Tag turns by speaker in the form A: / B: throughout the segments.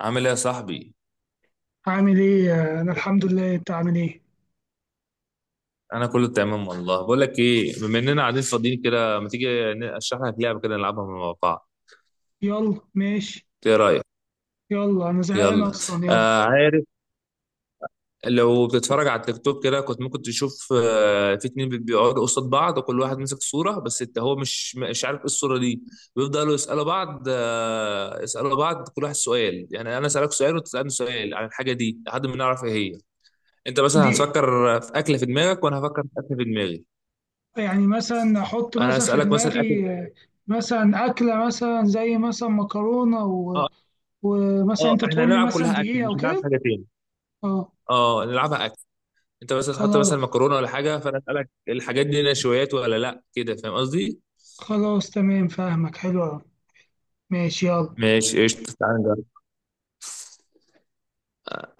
A: عامل ايه يا صاحبي؟
B: عامل ايه؟ انا الحمد لله، انت عامل ايه؟
A: انا كله تمام والله. بقول لك ايه، بما اننا قاعدين فاضيين كده، ما تيجي اشرح لك لعبه كده نلعبها مع بعض؟
B: يلا ماشي.
A: ايه رايك؟
B: يلا انا زهقان
A: يلا.
B: اصلا، يلا.
A: آه عارف، لو بتتفرج على التيك توك كده كنت ممكن تشوف في اتنين بيقعدوا قصاد بعض، وكل واحد ماسك صوره بس انت هو مش عارف ايه الصوره دي. بيفضلوا يسالوا بعض، يسالوا بعض، كل واحد سؤال. يعني انا اسالك سؤال وتسالني سؤال عن الحاجه دي لحد ما نعرف ايه هي. انت مثلا
B: دي
A: هتفكر في اكله في دماغك وانا هفكر في اكله في دماغي.
B: يعني مثلا احط
A: انا
B: مثلا في
A: اسالك مثلا اكل.
B: دماغي، مثلا اكله مثلا زي مثلا مكرونه ومثلا
A: اه
B: انت
A: احنا
B: تقول لي
A: هنلعب
B: مثلا
A: كلها
B: دي
A: اكل،
B: ايه
A: مش
B: او
A: هنلعب
B: كده.
A: حاجه تاني.
B: اه،
A: اه نلعبها اكل. انت مثلا تحط مثلا
B: خلاص.
A: مكرونه ولا حاجه، فانا اسالك الحاجات دي نشويات ولا لا، كده فاهم قصدي؟
B: خلاص تمام، فاهمك، حلو أوي. ماشي يلا.
A: ماشي قشطة، تعالى نجرب.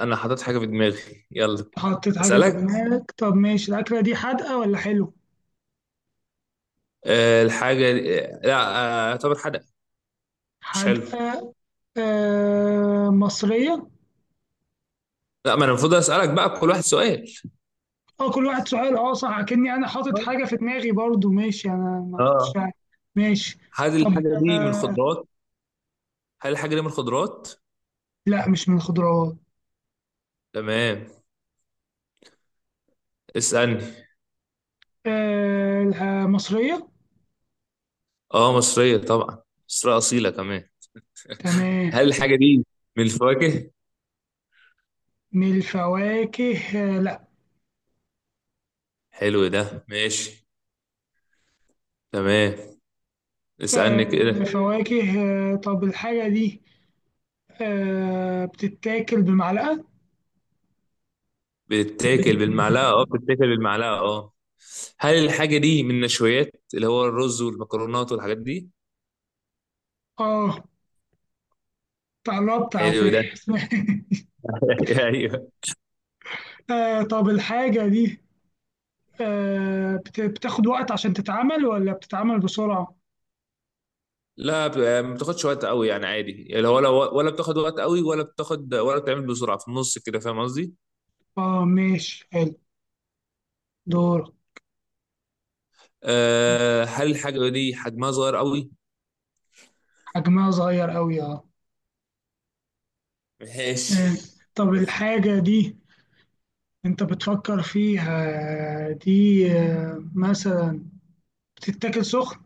A: انا حاطط حاجه في دماغي، يلا
B: حطيت حاجه في
A: اسالك.
B: دماغك؟ طب ماشي. الاكله دي حادقه ولا حلو؟
A: آه الحاجه دي- آه لا. اعتبر حدق. مش حلو.
B: حادقه. آه مصريه.
A: لا، ما انا المفروض اسالك بقى كل واحد سؤال.
B: اه كل واحد سؤال، اه صح، كأني انا حاطط حاجة في دماغي برضو. ماشي، انا ما
A: اه.
B: كنتش عارف. ماشي
A: هل
B: طب.
A: الحاجه دي من
B: آه
A: الخضروات؟ هل الحاجه دي من الخضروات؟
B: لا، مش من الخضروات.
A: تمام، اسالني.
B: مصرية.
A: اه مصريه طبعا، مصريه اصيله كمان.
B: تمام.
A: هل الحاجه دي من الفواكه؟
B: من الفواكه؟ آه لا.
A: حلو ده، ماشي. تمام، اسألني
B: آه
A: كده.
B: فواكه. آه طب الحاجة دي بتتاكل بمعلقة؟
A: بتتاكل بالمعلقة اه، بتتاكل بالمعلقة اه. هل الحاجة دي من النشويات اللي هو الرز والمكرونات والحاجات دي؟
B: اه، قربت على
A: حلو ده.
B: فكرة.
A: ايوه.
B: آه طب الحاجة دي بتاخد وقت عشان تتعمل ولا بتتعمل بسرعة؟
A: لا ب- ما بتاخدش وقت قوي يعني، عادي يعني، ولا بتاخد وقت قوي ولا بتاخد ولا بتعمل بسرعة في النص، كده فاهم قصدي؟
B: اه ماشي حلو. دور.
A: أه، هل الحاجة دي حجمها صغير قوي؟
B: حجمها صغير قوي اه. آه،
A: ماشي.
B: طب الحاجة دي انت بتفكر فيها دي مثلا بتتاكل سخن؟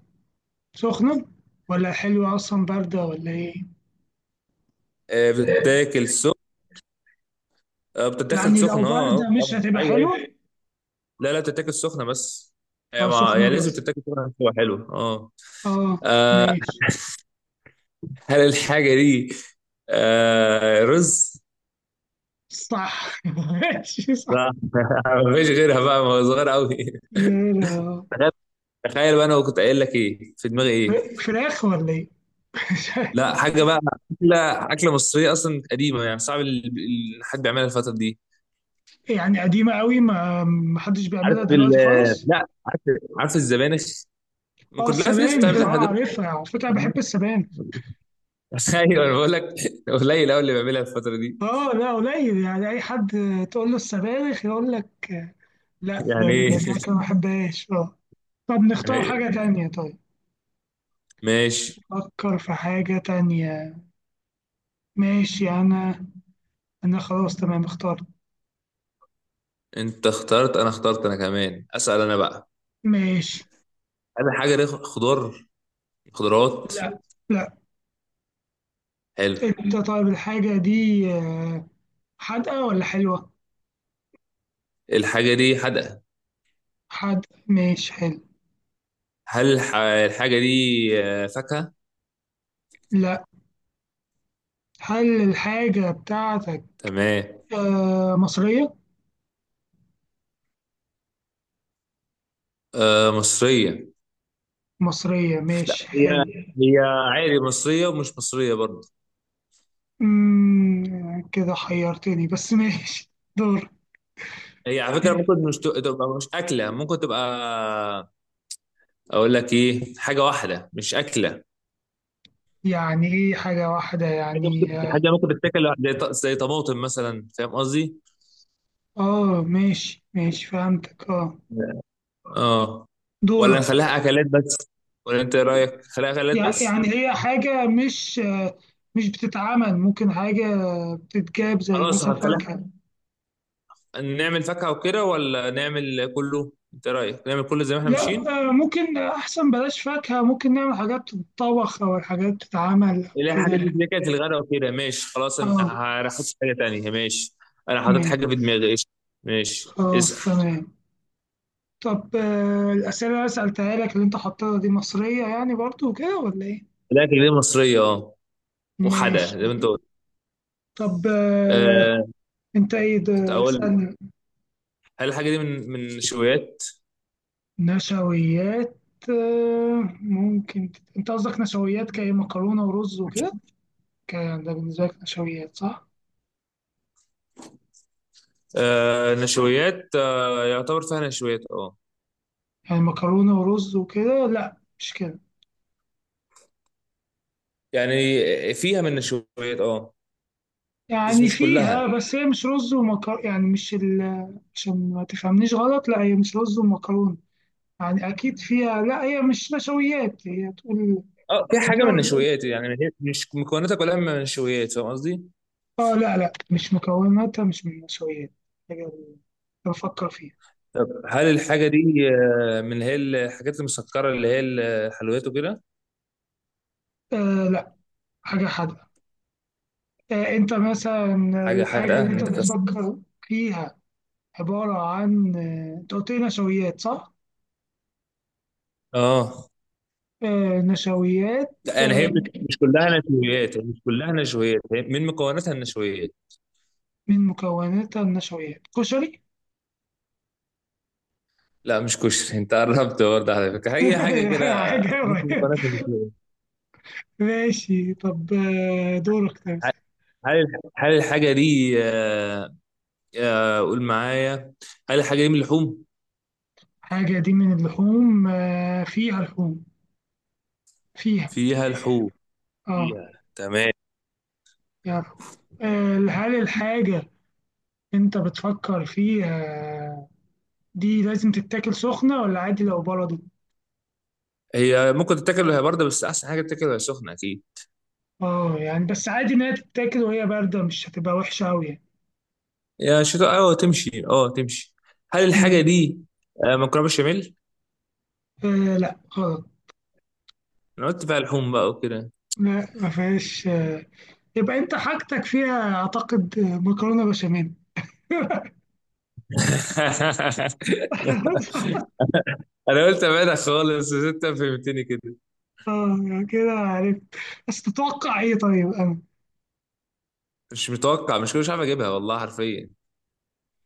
B: سخنة ولا حلوة اصلا، باردة ولا ايه؟
A: أه بتتاكل سخن، أه بتتاكل
B: يعني لو
A: سخن اه،
B: باردة مش
A: طبعا
B: هتبقى
A: ايوه أيوه.
B: حلوة.
A: لا لا بتتاكل سخنه بس.
B: اه سخنة
A: هي لازم
B: بس.
A: تتاكل سخنه عشان تبقى حلوه اه.
B: اه
A: آه،
B: ماشي
A: هل الحاجه دي رز؟
B: صح. ماشي صح.
A: لا. مفيش غيرها بقى ما هو صغير قوي.
B: لا، لا.
A: تخيل، تخيل بقى انا كنت قايل لك ايه في دماغي ايه.
B: فراخ ولا ايه؟ مش عارف.
A: لا حاجه بقى. اكله، اكله مصريه اصلا قديمه، يعني صعب حد بيعملها الفتره دي.
B: يعني قديمة قوي، ما حدش
A: عارف
B: بيعملها
A: ال
B: دلوقتي خالص.
A: لا. عارف عارف الزبانخ، ما
B: اه
A: كلها في ناس
B: السبانخ،
A: بتعملها لحد
B: اه
A: دلوقتي.
B: عارفها، على فكرة أنا بحب السبانخ.
A: ايوه انا بقول لك، قليل قوي اللي بيعملها الفتره دي.
B: اه لا قليل، يعني اي حد تقول له السبانخ يقول لك لا، ده
A: يعني ايه؟
B: الكعكه ما بحبهاش اه. طب نختار حاجه
A: أيوة.
B: تانية طيب.
A: ماشي.
B: فكر في حاجه تانية. ماشي انا خلاص تمام اخترت.
A: انت اخترت، انا اخترت، انا كمان اسال انا بقى.
B: ماشي.
A: هل الحاجه دي خضار، خضروات؟
B: لا لا.
A: حلو.
B: انت طيب الحاجه دي حادقه ولا حلوه؟
A: الحاجه دي حدقه.
B: حادقه ماشي حلو.
A: الحاجه دي فاكهه؟
B: لا. هل الحاجه بتاعتك
A: تمام.
B: مصريه؟
A: آه مصريه.
B: مصريه ماشي
A: هي
B: حلو.
A: هي عادي مصريه ومش مصريه برضه.
B: كده حيرتني، بس ماشي. دور.
A: هي على فكره ممكن مش ت- تبقى مش اكله، ممكن تبقى. اقول لك ايه، حاجه واحده مش اكله.
B: يعني ايه حاجة واحدة يعني؟
A: حاجه ممكن تتاكل لوحدها، زي طماطم مثلا، فاهم قصدي؟
B: اه ماشي ماشي فهمتك اه.
A: اه. ولا
B: دورك.
A: نخليها اكلات بس، ولا انت ايه رايك نخليها اكلات بس؟
B: يعني هي حاجة مش مش بتتعمل، ممكن حاجة بتتجاب زي
A: خلاص
B: مثلا
A: هنخليها.
B: فاكهة.
A: نعمل فاكهة وكده ولا نعمل كله؟ انت رايك نعمل كله زي ما احنا
B: لا.
A: ماشيين.
B: ممكن أحسن بلاش فاكهة، ممكن نعمل حاجات تتطبخ أو الحاجات بتتعمل أو
A: اللي هي حاجات
B: كده.
A: اللي كانت الغداء وكده، ماشي خلاص، انا
B: اه
A: هحط حاجة تانية، ماشي. انا حاطط
B: ماشي
A: حاجة في دماغي، قشطة. ماشي
B: خلاص
A: اسأل.
B: تمام. طب الأسئلة اللي أنا سألتها لك اللي أنت حطيتها دي مصرية يعني برضو وكده ولا إيه؟
A: الاكل دي مصرية اه.
B: ماشي
A: وحدة زي ما انت قلت.
B: طب.
A: أه
B: انت ايه ده،
A: اقول لك،
B: اسألني.
A: هل الحاجة دي من نشويات؟
B: نشويات؟ ممكن انت قصدك نشويات كايه مكرونة ورز وكده؟ كان ده بالنسبة لك نشويات، صح؟
A: أه نشويات، أه يعتبر فيها نشويات اه.
B: يعني مكرونة ورز وكده؟ لا مش كده،
A: يعني فيها من نشويات اه. بس
B: يعني
A: مش
B: فيها،
A: كلها.
B: بس هي مش رز ومكرونة، يعني مش ال... عشان ما تفهمنيش غلط، لا هي مش رز ومكرونة. يعني اكيد فيها، لا هي مش نشويات، هي تقول.
A: اه في حاجه من النشويات يعني، هي مش مكوناتها كلها من النشويات، فاهم قصدي؟
B: اه لا لا، مش مكوناتها مش من النشويات. حاجة بفكر فيها.
A: طب هل الحاجه دي من اللي هي الحاجات المسكره اللي هي الحلويات وكده؟
B: آه لا، حاجة حادقة. انت مثلا،
A: حاجه
B: الحاجة
A: حادقه،
B: اللي انت
A: انت كسر.
B: بتفكر فيها عبارة عن، انت قلت لي نشويات صح؟
A: اه
B: آه، نشويات،
A: لا، يعني هي مش كلها نشويات، هي مش كلها نشويات، هي من مكوناتها النشويات.
B: من مكوناتها النشويات؟ كشري.
A: لا مش كشري، انت قربت برضه على فكره، هي حاجه كده
B: حاجة
A: ممكن
B: قريب.
A: مكوناتها نشويات.
B: ماشي طب دورك تمثل.
A: هل هل الحاجه دي قول معايا، هل الحاجه دي من اللحوم؟
B: حاجة دي من اللحوم؟ آه فيها لحوم، فيها.
A: فيها لحوم،
B: اه
A: فيها، تمام.
B: فيها لحوم. هل الحاجة انت بتفكر فيها دي لازم تتاكل سخنة ولا عادي لو بردت؟
A: هي ممكن تتاكل وهي بارده، بس احسن حاجه تتاكل وهي سخنه اكيد.
B: اه يعني بس عادي إن هي تتاكل وهي باردة مش هتبقى وحشة أوي يعني.
A: يا شتاء اه، تمشي، اه تمشي. هل الحاجه
B: مم.
A: دي مكرونه بشاميل؟
B: آه لا غلط.
A: انا قلت بقى لحوم بقى وكده.
B: لا ما فيهاش آه. يبقى أنت حاجتك فيها، أعتقد، مكرونة بشاميل.
A: انا قلت ابعدها خالص بس انت فهمتني كده.
B: اه يعني كده عرفت. بس تتوقع ايه طيب انا؟
A: مش متوقع، مش كده، مش عارف اجيبها والله حرفيا.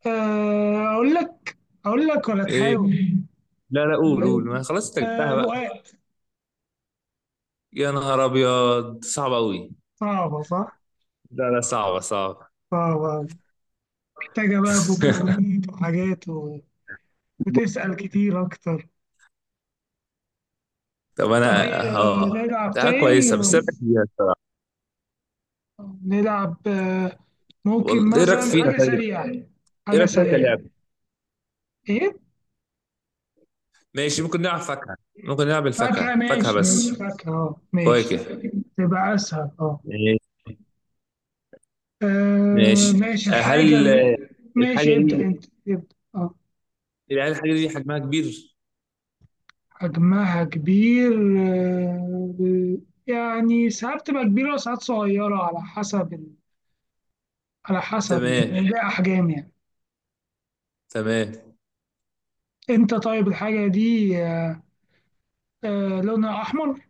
B: آه، اقول لك اقول لك ولا
A: ايه؟
B: تحاول؟
A: لا لا، قول قول، ما خلاص انت جبتها بقى.
B: رقاق.
A: يا نهار ابيض، صعبه قوي.
B: صعبة صح،
A: لا لا صعبه صعبه.
B: صعبة. محتاجة بقى مكونات وحاجات وتسأل كتير اكتر.
A: طب
B: طب
A: انا
B: ايه،
A: اه
B: نلعب
A: ده
B: تاني.
A: كويسه، بس ايه رايك فيها الصراحه؟
B: نلعب ممكن
A: والله ايه رايك
B: مثلا
A: فيها
B: حاجة
A: طيب؟
B: سريعة.
A: ايه
B: حاجة
A: رايك فيها
B: سريعة.
A: كلعبه؟
B: إيه؟
A: ماشي، ممكن نلعب فاكهة. ممكن نلعب
B: فاكهة
A: الفاكهة، فاكهة
B: ماشي ماشي
A: بس.
B: فاكهة، أه ماشي
A: فواكه.
B: تبقى أسهل أه.
A: ماشي
B: آه،
A: ماشي.
B: ماشي
A: آه، هل ال-
B: ماشي
A: الحاجة
B: ابدأ،
A: دي،
B: أنت ابدأ أه.
A: هل الحاجة دي حجمها كبير؟
B: حجمها كبير؟ آه، يعني ساعات تبقى كبيرة وساعات صغيرة، على حسب
A: تمام
B: الأحجام يعني.
A: تمام.
B: أنت طيب الحاجة دي لونها أحمر؟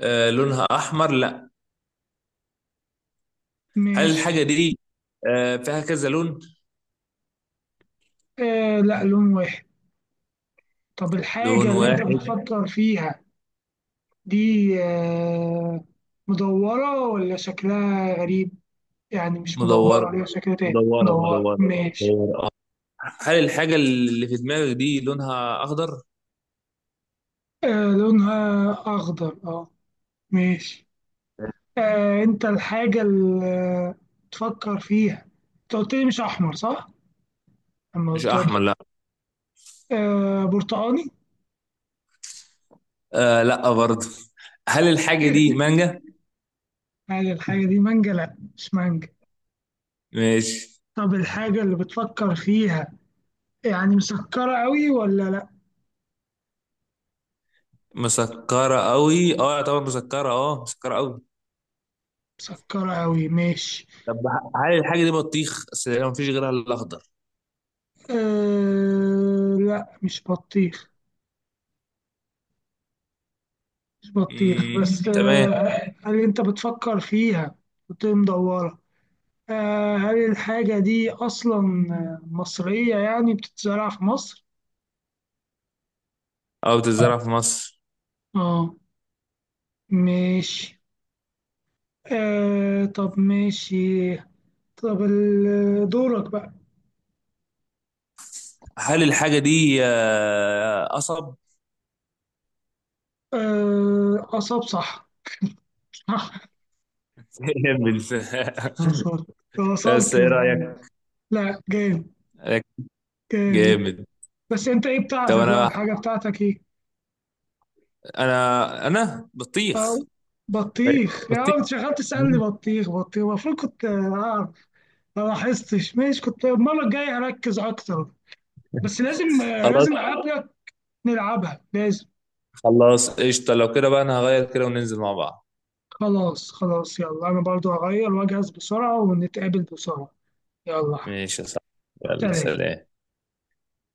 A: آه لونها أحمر؟ لا. هل
B: ماشي.
A: الحاجة دي فيها كذا لون؟
B: آه لا، لون واحد. طب الحاجة
A: لون
B: اللي أنت
A: واحد.
B: بتفكر فيها دي آه، مدورة ولا شكلها غريب؟ يعني مش
A: مدورة
B: مدورة ليها شكل تاني،
A: مدورة
B: مدورة
A: مدورة
B: ماشي.
A: مدورة آه. هل الحاجة اللي في دماغك دي لونها أخضر؟
B: آه لونها أخضر أه ماشي. أنت الحاجة اللي تفكر فيها، أنت قلت لي مش أحمر صح؟ لما
A: مش
B: قلت
A: أحمر
B: لك
A: لا.
B: برتقاني.
A: آه لا برضه. هل الحاجة دي مانجا؟
B: هل الحاجة دي مانجا؟ لأ مش مانجا.
A: ماشي.
B: طب الحاجة اللي بتفكر فيها، يعني مسكرة أوي ولا لأ؟
A: مسكرة قوي اه طبعا، مسكرة اه، مسكرة قوي.
B: مسكرة أوي ماشي.
A: طب هل الحاجة دي بطيخ؟ اصل ما فيش غيرها الا الاخضر.
B: أه لا، مش بطيخ. مش بطيخ، بس
A: تمام.
B: أه هل أنت بتفكر فيها وتقوم مدورة؟ هل الحاجة دي أصلا مصرية يعني، بتتزرع في مصر؟
A: اه بتتزرع في مصر.
B: اه ماشي. أه طب ماشي. طب دورك بقى.
A: هل الحاجة دي قصب؟
B: أه أصاب صح. صح.
A: جامد.
B: وصلت
A: بس
B: وصلت
A: ايه
B: للحاجة.
A: رأيك؟
B: لا جامد. جامد.
A: جامد.
B: بس أنت إيه
A: طب
B: بتاعتك بقى؟
A: انا،
B: الحاجة بتاعتك إيه؟
A: انا بطيخ.
B: أو بطيخ؟ يا
A: بطيخ.
B: عم انت شغال تسألني
A: مم.
B: بطيخ بطيخ، المفروض كنت ما لاحظتش. ماشي، كنت المرة الجاية أركز أكتر. بس لازم، لازم
A: خلاص
B: أقابلك. نلعبها لازم.
A: خلاص قشطة، لو كده بقى انا هغير كده وننزل مع بعض.
B: خلاص خلاص يلا، أنا برضو هغير وأجهز بسرعة، ونتقابل بسرعة. يلا حبيبي.
A: ماشي يا صاحبي، يلا
B: سلام.
A: سلام.